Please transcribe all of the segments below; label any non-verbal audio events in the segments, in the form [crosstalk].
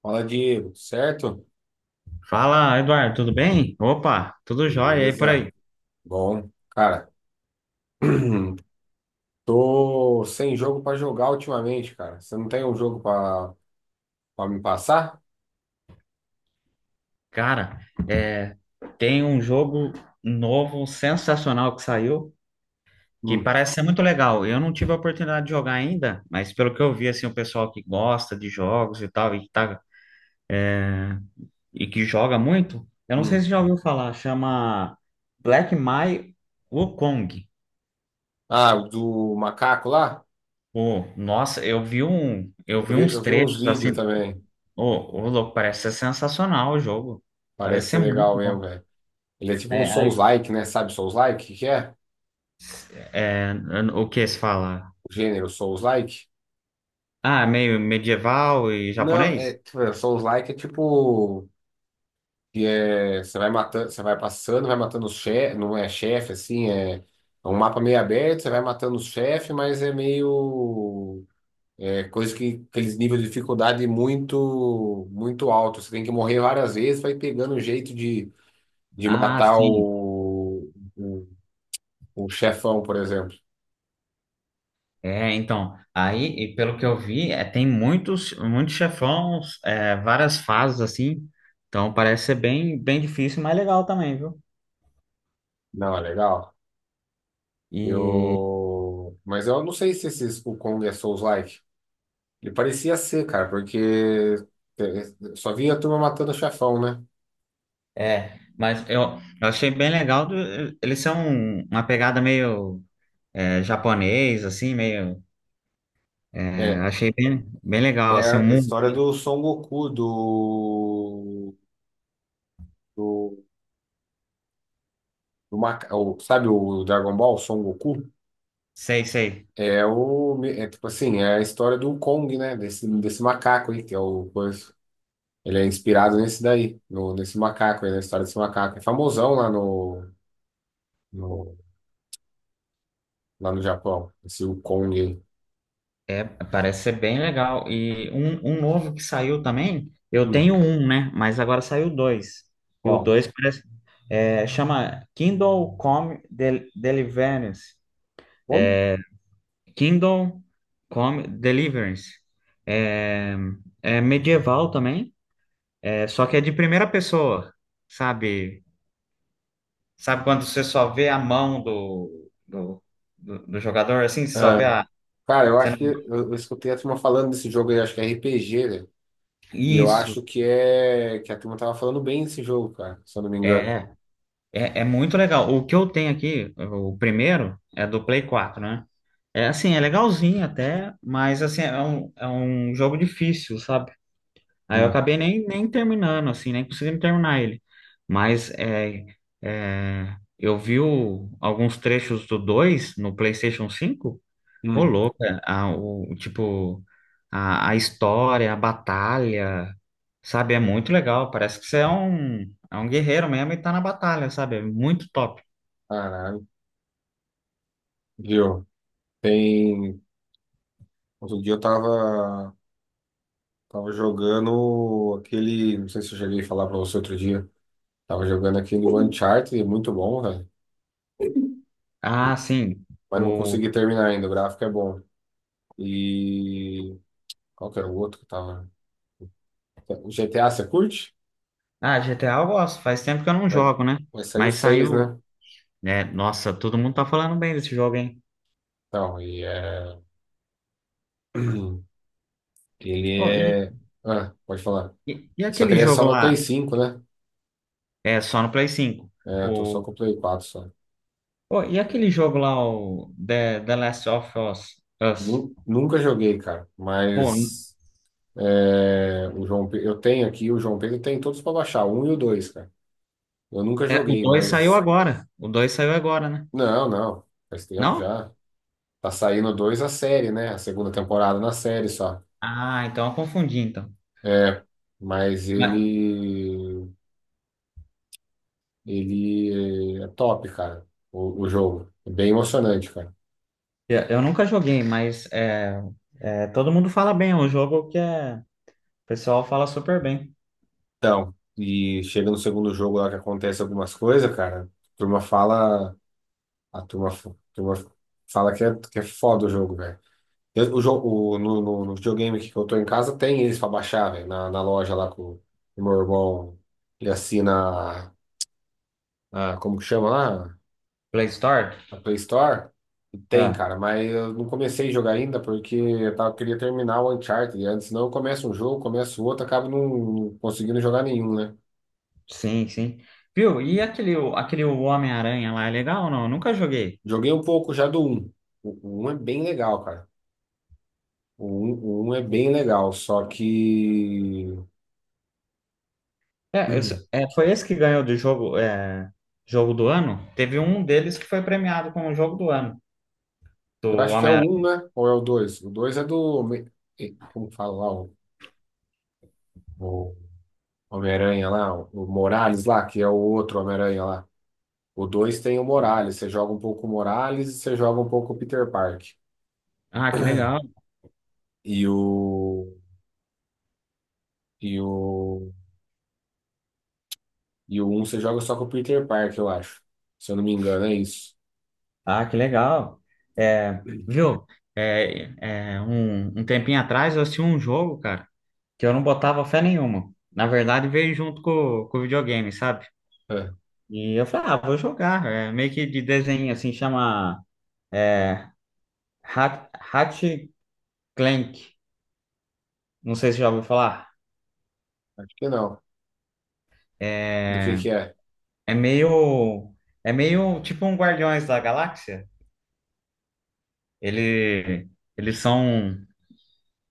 Fala, Diego, tudo certo? Fala, Eduardo, tudo bem? Opa, tudo jóia aí por Beleza. aí. Bom, cara, [clears throat] tô sem jogo pra jogar ultimamente, cara. Você não tem um jogo pra para me passar? Cara, é, tem um jogo novo, sensacional que saiu, que Hum, parece ser muito legal. Eu não tive a oportunidade de jogar ainda, mas pelo que eu vi, assim, o pessoal que gosta de jogos e tal, e que, tá, e que joga muito, eu não sei hum. se já ouviu falar, chama Black Mai Wukong. Ah, o do macaco lá? Pô, nossa, eu Eu vi vi, uns eu vi uns trechos assim, vídeos também. ô, louco, parece ser sensacional o jogo. Parece Parece ser ser legal muito mesmo, bom. velho. Ele é tipo um É, Souls-like, né? Sabe Souls-like? O que que é? É, o que se fala? O gênero Souls-like? Ah, meio medieval e Não, é, japonês? tipo, é, Souls-like é tipo que é, você vai matando, você vai passando, vai matando os chefe, não é chefe assim, é um mapa meio aberto, você vai matando os chefes, mas é meio é coisa que aqueles níveis de dificuldade muito muito alto, você tem que morrer várias vezes, vai pegando o jeito de Ah, matar sim. O, o chefão, por exemplo. E pelo que eu vi, tem muitos chefões, várias fases assim. Então parece ser bem difícil, mas legal também, viu? Não, é legal. E Eu, mas eu não sei se esse o Kong é Souls-like. Ele parecia ser, cara, porque só vinha a turma matando o chefão, né? Mas eu achei bem legal. Eles são uma pegada meio japonês, assim, meio. É, Achei bem legal, É assim, o a mundo. história do Son Goku, do, do, do sabe o Dragon Ball, Son Goku? Sei, sei. É o, é tipo assim, é a história do Kong, né? Desse macaco aí, que é o coisa. Ele é inspirado nesse daí, no, nesse macaco aí, na história desse macaco. É famosão lá no, no, lá no Japão, esse o Kong aí. É, parece ser bem legal. E um novo que saiu também, eu Hum, tenho um, né? Mas agora saiu dois. E o bom, dois parece, é, chama Kindle Come Del Deliverance. como? Kindle Come Deliverance. É, é medieval também, é, só que é de primeira pessoa, sabe? Sabe quando você só vê a mão do jogador, assim? Você só vê Ah, a... cara, eu você acho não- que eu escutei a turma falando desse jogo aí, acho que é RPG, né? E eu Isso, acho que é que a turma tava falando bem desse jogo, cara, se eu não me engano. é. É, é muito legal. O que eu tenho aqui, o primeiro, é do Play 4, né? É assim, é legalzinho até, mas assim, é um jogo difícil, sabe? Aí eu Hum. acabei nem terminando, assim, nem consegui terminar ele. Mas é, eu vi alguns trechos do 2 no PlayStation 5. Ô, Hum, louca, a história, a batalha, sabe? É muito legal. Parece que é um guerreiro mesmo e tá na batalha, sabe? É muito top. caralho. Viu? Tem. Outro dia eu tava, tava jogando aquele. Não sei se eu cheguei a falar pra você outro dia. Tava jogando aquele Uncharted, é muito bom, velho. Ah, sim. Mas não O, consegui terminar ainda, o gráfico é bom. E. Qual que era o outro que tava? O GTA, você curte? GTA eu gosto. Faz tempo que eu não Vai, jogo, né? vai sair o Mas 6, saiu, né? né? Nossa, todo mundo tá falando bem desse jogo, hein? Então, e é. [clears throat] Ele Ô, e, é. Ah, pode falar. E Só que aquele ele é só jogo pra Play lá? cinco, né? É, só no Play 5. É, eu tô só O, com o Play quatro só. E aquele jogo lá, o The Last of Us? Us? Nunca joguei, cara. Pô, Mas é, o eu tenho aqui, o João Pedro tem todos pra baixar, o um e o dois, cara. Eu nunca é, o joguei, 2 saiu mas. agora. O 2 saiu agora, né? Não, não. Faz tempo Não? já. Tá saindo o dois a série, né? A segunda temporada na série só. Ah, então eu confundi, então. É, mas Mas... ele. Ele é top, cara. O jogo. É bem emocionante, cara. eu nunca joguei, mas é, todo mundo fala bem. É um jogo o pessoal fala super bem. Então, e chega no segundo jogo lá que acontece algumas coisas, cara. A turma fala. A turma, a turma fala que é foda o jogo, velho. O jogo, no, no, no videogame aqui que eu tô em casa, tem eles pra baixar, velho. Na, na loja lá com o meu irmão. Ele assina a, como que chama lá? Play Store? A Play Store. E tem, Ah, cara, mas eu não comecei a jogar ainda porque eu tava, queria terminar o Uncharted antes. Senão eu começo um jogo, começo outro, acabo não conseguindo jogar nenhum, né? sim, sim. Viu? E aquele Homem-Aranha lá, é legal ou não? Eu nunca joguei. Joguei um pouco já do um. O um é bem legal, cara. O um o 1 é bem legal, só que. É, [clears throat] foi esse que ganhou do jogo, jogo do ano? Teve um deles que foi premiado como jogo do ano, Eu do acho que é o um Homem-Aranha. né? Ou é o dois. O 2 é do. Como fala lá? O Homem-Aranha lá, o Morales lá, que é o outro Homem-Aranha lá. O 2 tem o Morales. Você joga um pouco o Morales e você joga um pouco o Peter Park. Ah, que legal. E o. E o. E o um você joga só com o Peter Park, eu acho. Se eu não me engano, é isso. Ah, que legal. É, [clears throat] viu? É, um tempinho atrás eu assisti um jogo, cara, que eu não botava fé nenhuma. Na verdade, veio junto com o videogame, sabe? É, E eu falei, ah, vou jogar. É meio que de desenho, assim, chama é, Hat- Hatch Clank. Não sei se já ouviu falar. acho que não. Do É, que é? é meio, é meio tipo um Guardiões da Galáxia. Ele, eles são,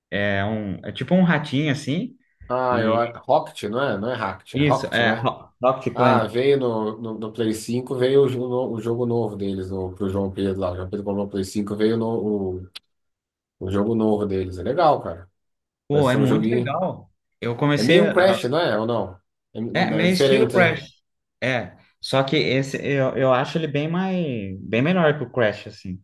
é, um, é tipo um ratinho, assim. Ah, Rocket, não é? Não é Rocket, é Isso, Rocket, é né? Rocket Ah, Clank. veio no, no, no Play 5, veio o jogo, o jogo novo deles, no pro João Pedro lá. O João Pedro comprou o Play 5, veio no, o jogo novo deles. É legal, cara. Vai Pô, é ser um muito joguinho. legal. Eu É comecei meio um a... Crash, não é? Ou não? É, É, é meio estilo diferente, né? Crash. É, só que eu acho ele bem melhor que o Crash assim.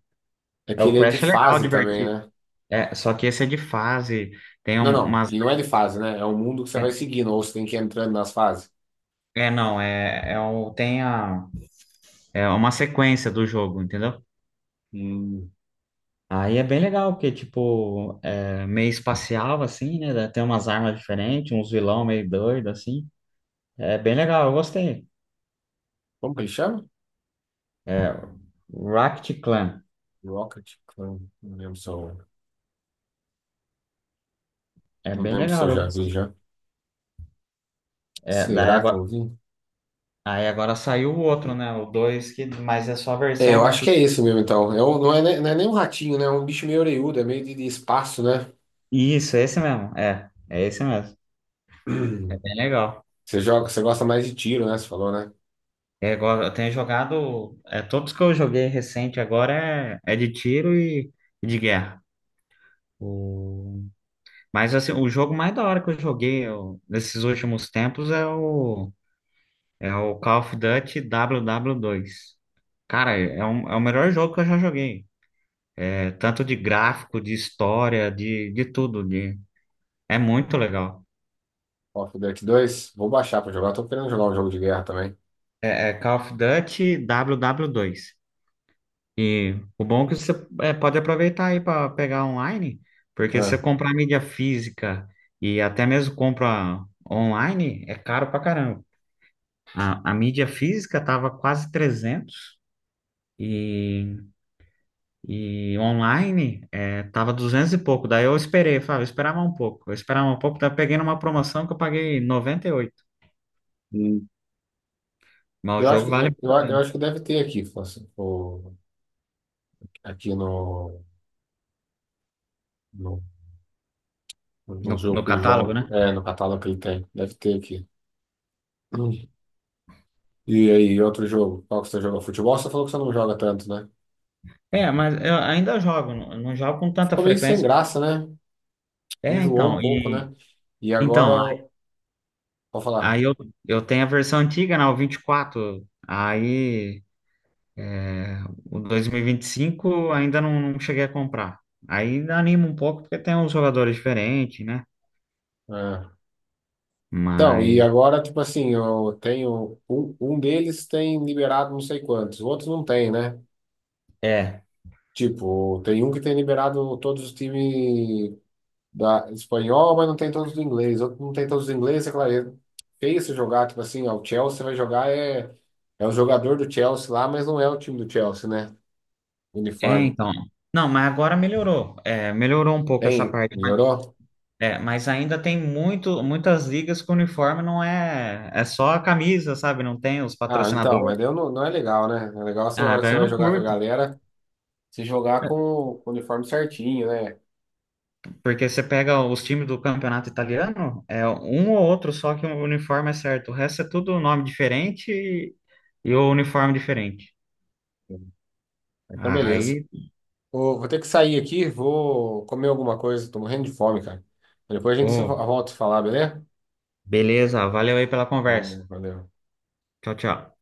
É É, que o ele é de Crash é legal, fase também, divertido. né? É, só que esse é de fase, Não, não, umas... ele não é de fase, né? É um mundo que você vai é, seguindo, ou você tem que ir entrando nas fases. é, não, é é o Tem a... é uma sequência do jogo, entendeu? Hum, Aí é bem legal, porque, tipo, é meio espacial, assim, né? Tem umas armas diferentes, uns vilão meio doido, assim. É bem legal, eu gostei. como que ele chama? É, Rocket Clan. Rocket Clan. Não lembro se eu, É não bem lembro se eu legal. Eu... já vi gostei. já. É, daí Será que agora... eu vi? Aí agora saiu o outro, né? O 2 que... mas é só a É, eu versão. acho que Play... é esse mesmo, então. Não é, não é nem um ratinho, né? É um bicho meio orelhudo, é meio de espaço, né? Isso, é esse mesmo. É, é esse mesmo. É [clears throat] bem legal. Você joga, você gosta mais de tiro, né? Você falou, né? É, agora, eu tenho jogado. É, todos que eu joguei recente agora é de tiro e de guerra. O... Mas assim, o jogo mais da hora que nesses últimos tempos é o... é o Call of Duty WW2. Cara, é o melhor jogo que eu já joguei. É, tanto de gráfico, de história, de tudo. É muito legal. Call of Duty 2, vou baixar pra jogar. Eu tô querendo jogar um jogo de guerra também. É, é Call of Duty WW2. E o bom é que pode aproveitar aí para pegar online, porque se você Ah, comprar mídia física e até mesmo compra online, é caro pra caramba. A mídia física tava quase 300 e, e online é, tava 200 e pouco. Daí eu esperei, falei, eu esperava um pouco. Eu esperava um pouco, daí eu peguei numa promoção que eu paguei 98. hum. Mas Eu o acho jogo que, vale muito eu a pena. acho que deve ter aqui, fácil, aqui no, no, no jogo No que o catálogo, João, né? é, no catálogo que ele tem. Deve ter aqui. Hum. E aí, outro jogo? Qual que você joga? Futebol? Você falou que você não joga tanto, né? É, mas eu ainda jogo, não jogo com tanta Ficou meio sem frequência. graça, né? É, Enjoou um então, pouco, e né? E agora. então, a- Vou falar. aí eu, eu tenho a versão antiga, né, o 24. É, o 2025 ainda não, não cheguei a comprar. Aí anima um pouco porque tem uns jogadores diferentes, né? É. Então, e Mas agora, tipo assim, eu tenho. Um deles tem liberado não sei quantos, outros não tem, né? é, Tipo, tem um que tem liberado todos os times da espanhol, mas não tem todos os ingleses. Outro não tem todos os ingleses, é claro. É feio se jogar, tipo assim, ó, o Chelsea vai jogar é, é o jogador do Chelsea lá, mas não é o time do Chelsea, né? é Uniforme. então. Não, mas agora melhorou. É, melhorou um pouco essa Tem? parte. Melhorou? É, mas ainda tem muitas ligas que o uniforme não é, é só a camisa, sabe? Não tem os Ah, então, patrocinadores. mas daí eu não, não é legal, né? É legal você, a Ah, hora que você daí eu vai não jogar com a curto, galera, se jogar com o uniforme certinho, né? porque você pega os times do campeonato italiano, é um ou outro só que o uniforme é certo. O resto é tudo nome diferente e o uniforme diferente. Então, beleza. Aí, Ô, vou ter que sair aqui, vou comer alguma coisa, tô morrendo de fome, cara. Depois a gente se ô, volta a falar, beleza? beleza, valeu aí pela conversa. Falou, valeu. Tchau, tchau.